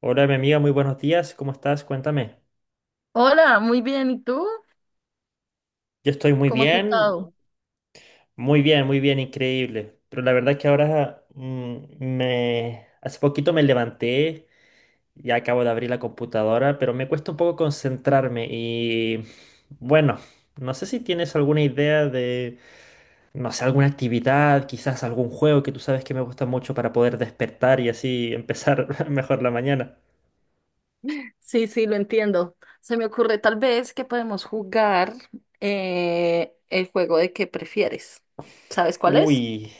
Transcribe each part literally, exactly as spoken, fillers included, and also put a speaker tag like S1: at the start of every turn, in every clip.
S1: Hola, mi amiga, muy buenos días. ¿Cómo estás? Cuéntame.
S2: Hola, muy bien. ¿Y tú?
S1: Yo estoy muy
S2: ¿Cómo has
S1: bien,
S2: estado?
S1: muy bien, muy bien, increíble. Pero la verdad es que ahora mm, me hace poquito me levanté, ya acabo de abrir la computadora, pero me cuesta un poco concentrarme y bueno, no sé si tienes alguna idea de, no sé, alguna actividad, quizás algún juego que tú sabes que me gusta mucho para poder despertar y así empezar mejor la mañana.
S2: Sí, sí, lo entiendo. Se me ocurre tal vez que podemos jugar eh, el juego de qué prefieres. ¿Sabes cuál es?
S1: Uy,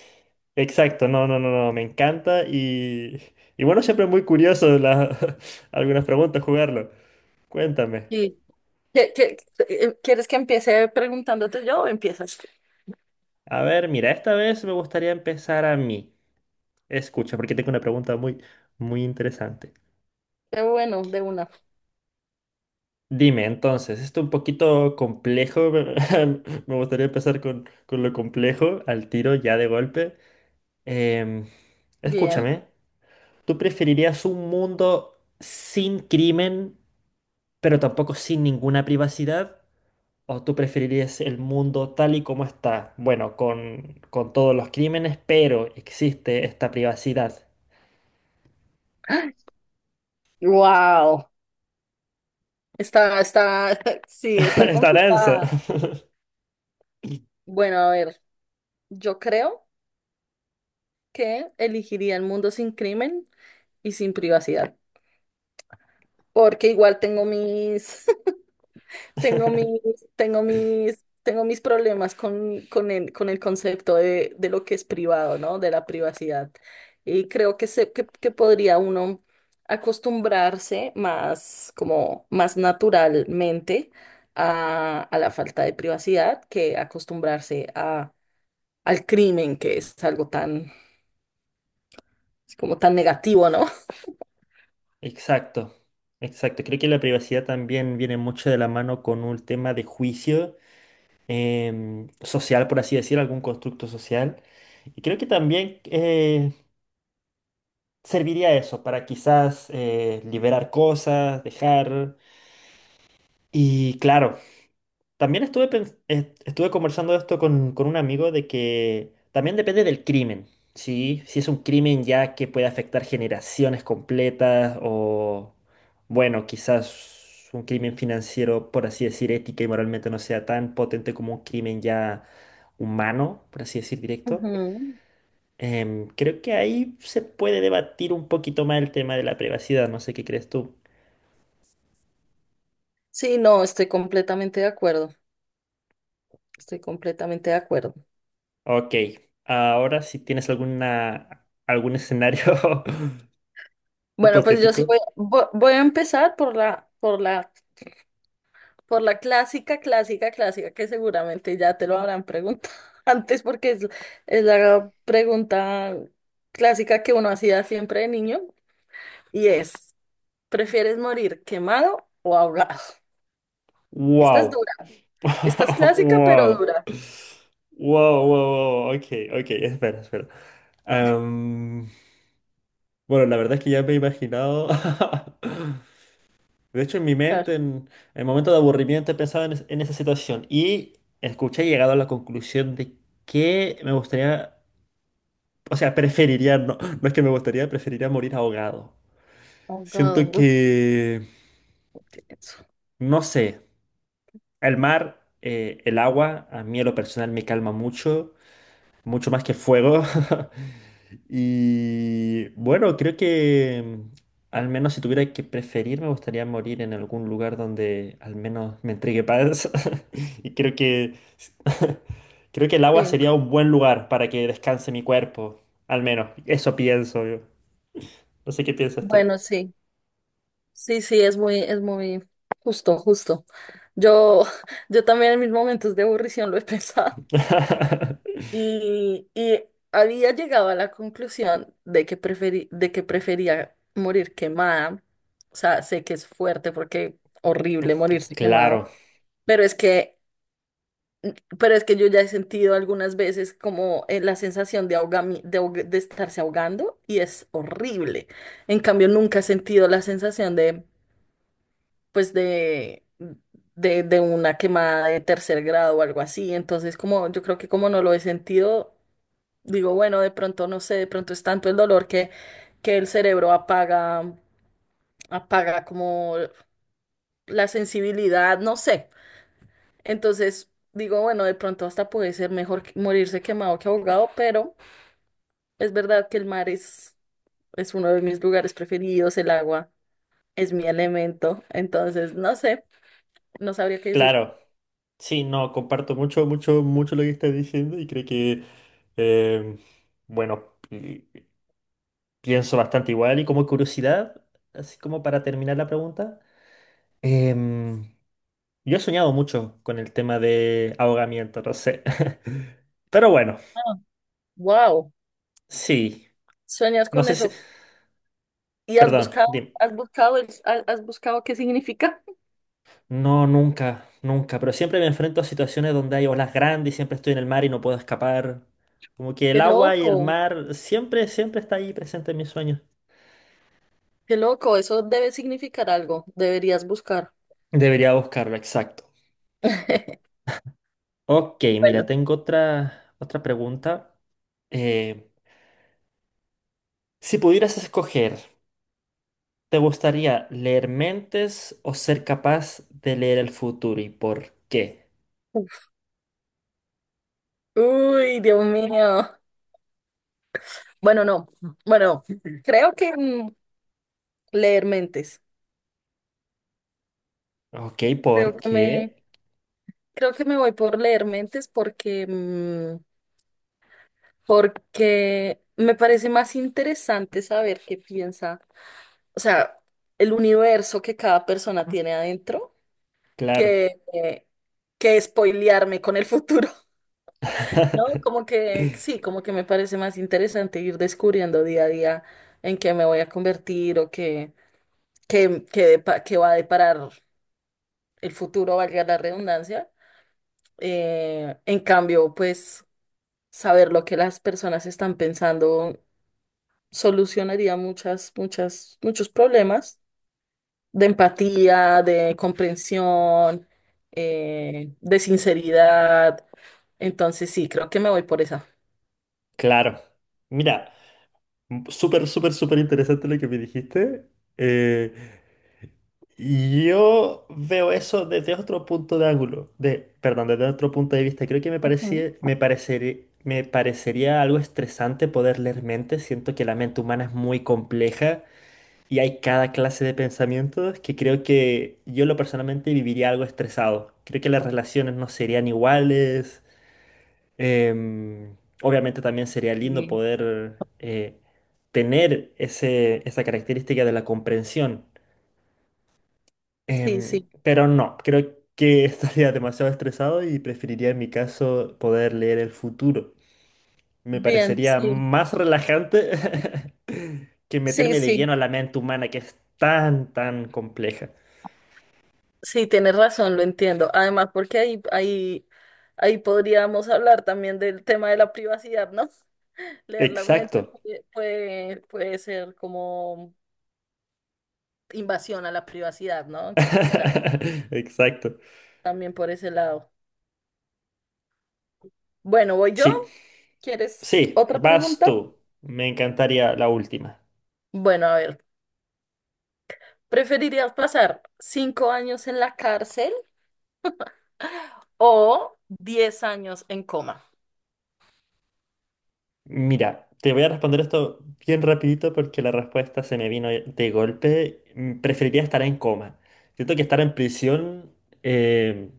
S1: exacto, no, no, no, no, me encanta y, y bueno, siempre es muy curioso la- algunas preguntas jugarlo. Cuéntame.
S2: Sí. ¿Qué- qué- eh, Quieres que empiece preguntándote yo o empiezas?
S1: A ver, mira, esta vez me gustaría empezar a mí. Escucha, porque tengo una pregunta muy, muy interesante.
S2: Qué bueno, de una.
S1: Dime, entonces, esto es un poquito complejo, me gustaría empezar con, con lo complejo, al tiro, ya de golpe. Em,
S2: Bien.
S1: Escúchame, ¿tú preferirías un mundo sin crimen, pero tampoco sin ninguna privacidad? ¿O tú preferirías el mundo tal y como está? Bueno, con, con todos los crímenes, pero existe esta privacidad.
S2: Wow. Está, está, sí, está
S1: Está denso.
S2: complicada. Bueno, a ver, yo creo que elegiría el mundo sin crimen y sin privacidad, porque igual tengo mis. Tengo mis, tengo mis, tengo mis problemas con, con el, con el concepto de, de lo que es privado, ¿no? De la privacidad. Y creo que, se, que, que podría uno acostumbrarse más, como más naturalmente a, a la falta de privacidad que acostumbrarse a, al crimen, que es algo tan, como tan negativo, ¿no?
S1: Exacto, exacto. Creo que la privacidad también viene mucho de la mano con un tema de juicio em, social, por así decir, algún constructo social. Y creo que también eh, serviría eso para quizás eh, liberar cosas, dejar. Y claro, también estuve, pens- est- estuve conversando esto con, con un amigo de que también depende del crimen, ¿sí? Si es un crimen ya que puede afectar generaciones completas o, bueno, quizás un crimen financiero, por así decir, ética y moralmente no sea tan potente como un crimen ya humano, por así decir, directo.
S2: Ujú.
S1: Em, creo que ahí se puede debatir un poquito más el tema de la privacidad, no sé qué crees tú.
S2: Sí, no, estoy completamente de acuerdo. Estoy completamente de acuerdo.
S1: Ok, ahora si tienes alguna, algún escenario
S2: Bueno, pues yo sí
S1: hipotético.
S2: voy, vo- voy a empezar por la, por la, por la clásica, clásica, clásica, que seguramente ya te lo habrán preguntado antes porque es, es la pregunta clásica que uno hacía siempre de niño y es, ¿prefieres morir quemado o ahogado? Esta es
S1: Wow.
S2: dura, esta es clásica pero
S1: Wow.
S2: dura.
S1: Wow, wow, wow. Ok, ok, espera, espera. Am, bueno, la verdad es que ya me he imaginado. De hecho, en mi
S2: A
S1: mente, en el momento de aburrimiento, he pensado en, es- en esa situación y escuché y he llegado a la conclusión de que me gustaría, o sea, preferiría, no, no es que me gustaría, preferiría morir ahogado.
S2: ahogado,
S1: Siento
S2: uf,
S1: que,
S2: qué denso.
S1: no sé. El mar, eh, el agua, a mí a lo personal me calma mucho, mucho más que el fuego. Y bueno, creo que mm, al menos si tuviera que preferir, me gustaría morir en algún lugar donde al menos me entregue paz. Y creo que creo que el agua
S2: Sí,
S1: sería un buen lugar para que descanse mi cuerpo, al menos. Eso pienso yo. No sé qué piensas tú.
S2: bueno, sí, sí, sí, es muy, es muy justo, justo. Yo, yo también en mis momentos de aburrición lo he pensado. Y, y había llegado a la conclusión de que preferi- de que prefería morir quemada. O sea, sé que es fuerte porque horrible morirse quemado,
S1: Claro,
S2: pero es que, pero es que yo ya he sentido algunas veces como eh, la sensación de ahogami- de, ahog- de estarse ahogando y es horrible. En cambio, nunca he sentido la sensación de, pues, de, de, de una quemada de tercer grado o algo así. Entonces, como yo creo que como no lo he sentido. Digo, bueno, de pronto, no sé, de pronto es tanto el dolor que, que el cerebro apaga, apaga como la sensibilidad, no sé. Entonces, digo, bueno, de pronto hasta puede ser mejor que- morirse quemado que ahogado, pero es verdad que el mar es, es uno de mis lugares preferidos, el agua es mi elemento. Entonces, no sé, no sabría qué decir.
S1: claro. Sí, no, comparto mucho, mucho, mucho lo que estás diciendo y creo que, eh, bueno, pi- pienso bastante igual y como curiosidad, así como para terminar la pregunta, em, yo he soñado mucho con el tema de ahogamiento, no sé. Pero bueno,
S2: Wow,
S1: sí,
S2: ¿sueñas
S1: no
S2: con
S1: sé si,
S2: eso? ¿Y has
S1: perdón,
S2: buscado,
S1: dime.
S2: has buscado, el- has has buscado qué significa?
S1: No, nunca, nunca, pero siempre me enfrento a situaciones donde hay olas grandes y siempre estoy en el mar y no puedo escapar. Como que el
S2: Qué
S1: agua y el
S2: loco.
S1: mar siempre, siempre está ahí presente en mis sueños.
S2: Qué loco, eso debe significar algo. Deberías buscar.
S1: Debería buscarlo, exacto. Ok, mira,
S2: Bueno.
S1: tengo otra, otra pregunta. Eh, si pudieras escoger, ¿te gustaría leer mentes o ser capaz de leer el futuro y por qué?
S2: Uy, Dios mío. Bueno, no. Bueno, creo que mm, leer mentes.
S1: Ok,
S2: Creo
S1: ¿por
S2: que me,
S1: qué?
S2: Creo que me voy por leer mentes porque, mm, porque me parece más interesante saber qué piensa, o sea, el universo que cada persona tiene adentro
S1: Claro.
S2: que, eh, que spoilearme con el futuro. No, como que sí, como que me parece más interesante ir descubriendo día a día en qué me voy a convertir o qué, qué, qué, depa- qué va a deparar el futuro, valga la redundancia. Eh, en cambio, pues saber lo que las personas están pensando solucionaría muchas, muchas, muchos problemas de empatía, de comprensión, eh, de sinceridad. Entonces sí, creo que me voy por esa.
S1: Claro. Mira, m- súper, súper, súper interesante lo que me dijiste. Eh, Yo veo eso desde otro punto de ángulo, de, perdón, desde otro punto de vista. Creo que me
S2: Ujú,
S1: parecía, me parecer- me parecería algo estresante poder leer mentes. Siento que la mente humana es muy compleja y hay cada clase de pensamientos que creo que yo lo personalmente viviría algo estresado. Creo que las relaciones no serían iguales. Em, obviamente también sería lindo
S2: sí,
S1: poder eh, tener ese, esa característica de la comprensión.
S2: sí,
S1: Em,
S2: sí.
S1: pero no, creo que estaría demasiado estresado y preferiría en mi caso poder leer el futuro. Me
S2: Bien,
S1: parecería
S2: sí,
S1: más relajante que
S2: sí,
S1: meterme de
S2: sí,
S1: lleno a la mente humana que es tan, tan compleja.
S2: sí, tienes razón, lo entiendo. Además, porque ahí, ahí, ahí podríamos hablar también del tema de la privacidad, ¿no? Leer las mentes
S1: Exacto.
S2: puede, puede, puede ser como invasión a la privacidad, ¿no? Entonces, claro,
S1: Exacto.
S2: también por ese lado. Bueno, voy yo.
S1: Sí,
S2: ¿Quieres
S1: sí,
S2: otra
S1: vas
S2: pregunta?
S1: tú. Me encantaría la última.
S2: Bueno, a ver. ¿Preferirías pasar cinco años en la cárcel o diez años en coma?
S1: Mira, te voy a responder esto bien rapidito porque la respuesta se me vino de golpe. Mm, preferiría estar en coma. Siento que estar en prisión, eh,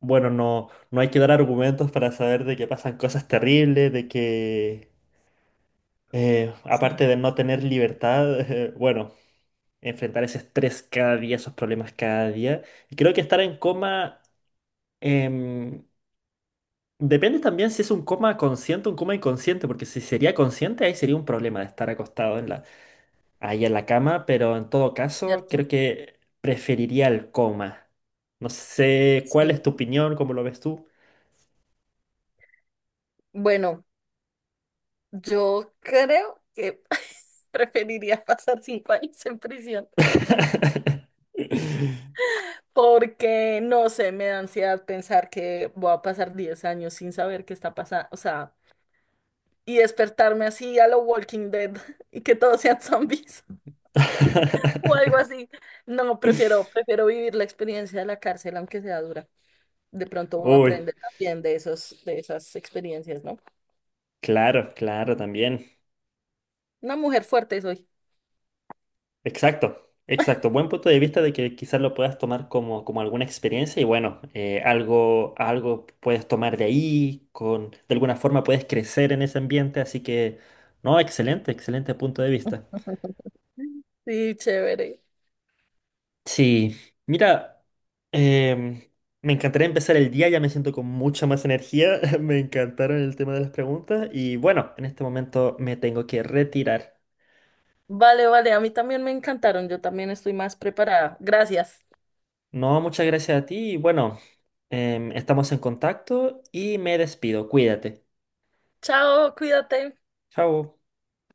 S1: bueno, no, no hay que dar argumentos para saber de que pasan cosas terribles, de que, eh,
S2: Sí.
S1: aparte de no tener libertad, eh, bueno, enfrentar ese estrés cada día, esos problemas cada día. Y creo que estar en coma... em, depende también si es un coma consciente o un coma inconsciente, porque si sería consciente, ahí sería un problema de estar acostado en la, ahí en la cama, pero en todo caso
S2: ¿Cierto?
S1: creo que preferiría el coma. No sé cuál
S2: Sí.
S1: es tu opinión, cómo lo ves tú.
S2: Bueno, yo creo que preferiría pasar cinco años en prisión porque, no sé, me da ansiedad pensar que voy a pasar diez años sin saber qué está pasando, o sea, y despertarme así a lo Walking Dead y que todos sean zombies o algo así. No, prefiero, prefiero vivir la experiencia de la cárcel, aunque sea dura. De pronto uno
S1: Uy,
S2: aprende también de esos, de esas experiencias, ¿no?
S1: claro, claro, también.
S2: Una mujer fuerte soy.
S1: Exacto, exacto. Buen punto de vista de que quizás lo puedas tomar como, como alguna experiencia y bueno, eh, algo, algo puedes tomar de ahí, con, de alguna forma puedes crecer en ese ambiente, así que, no, excelente, excelente punto de vista.
S2: Sí, chévere.
S1: Sí, mira, em, me encantaría empezar el día, ya me siento con mucha más energía, me encantaron el tema de las preguntas y bueno, en este momento me tengo que retirar.
S2: Vale, vale, a mí también me encantaron. Yo también estoy más preparada. Gracias.
S1: No, muchas gracias a ti y bueno, em, estamos en contacto y me despido, cuídate.
S2: Chao, cuídate.
S1: Chao.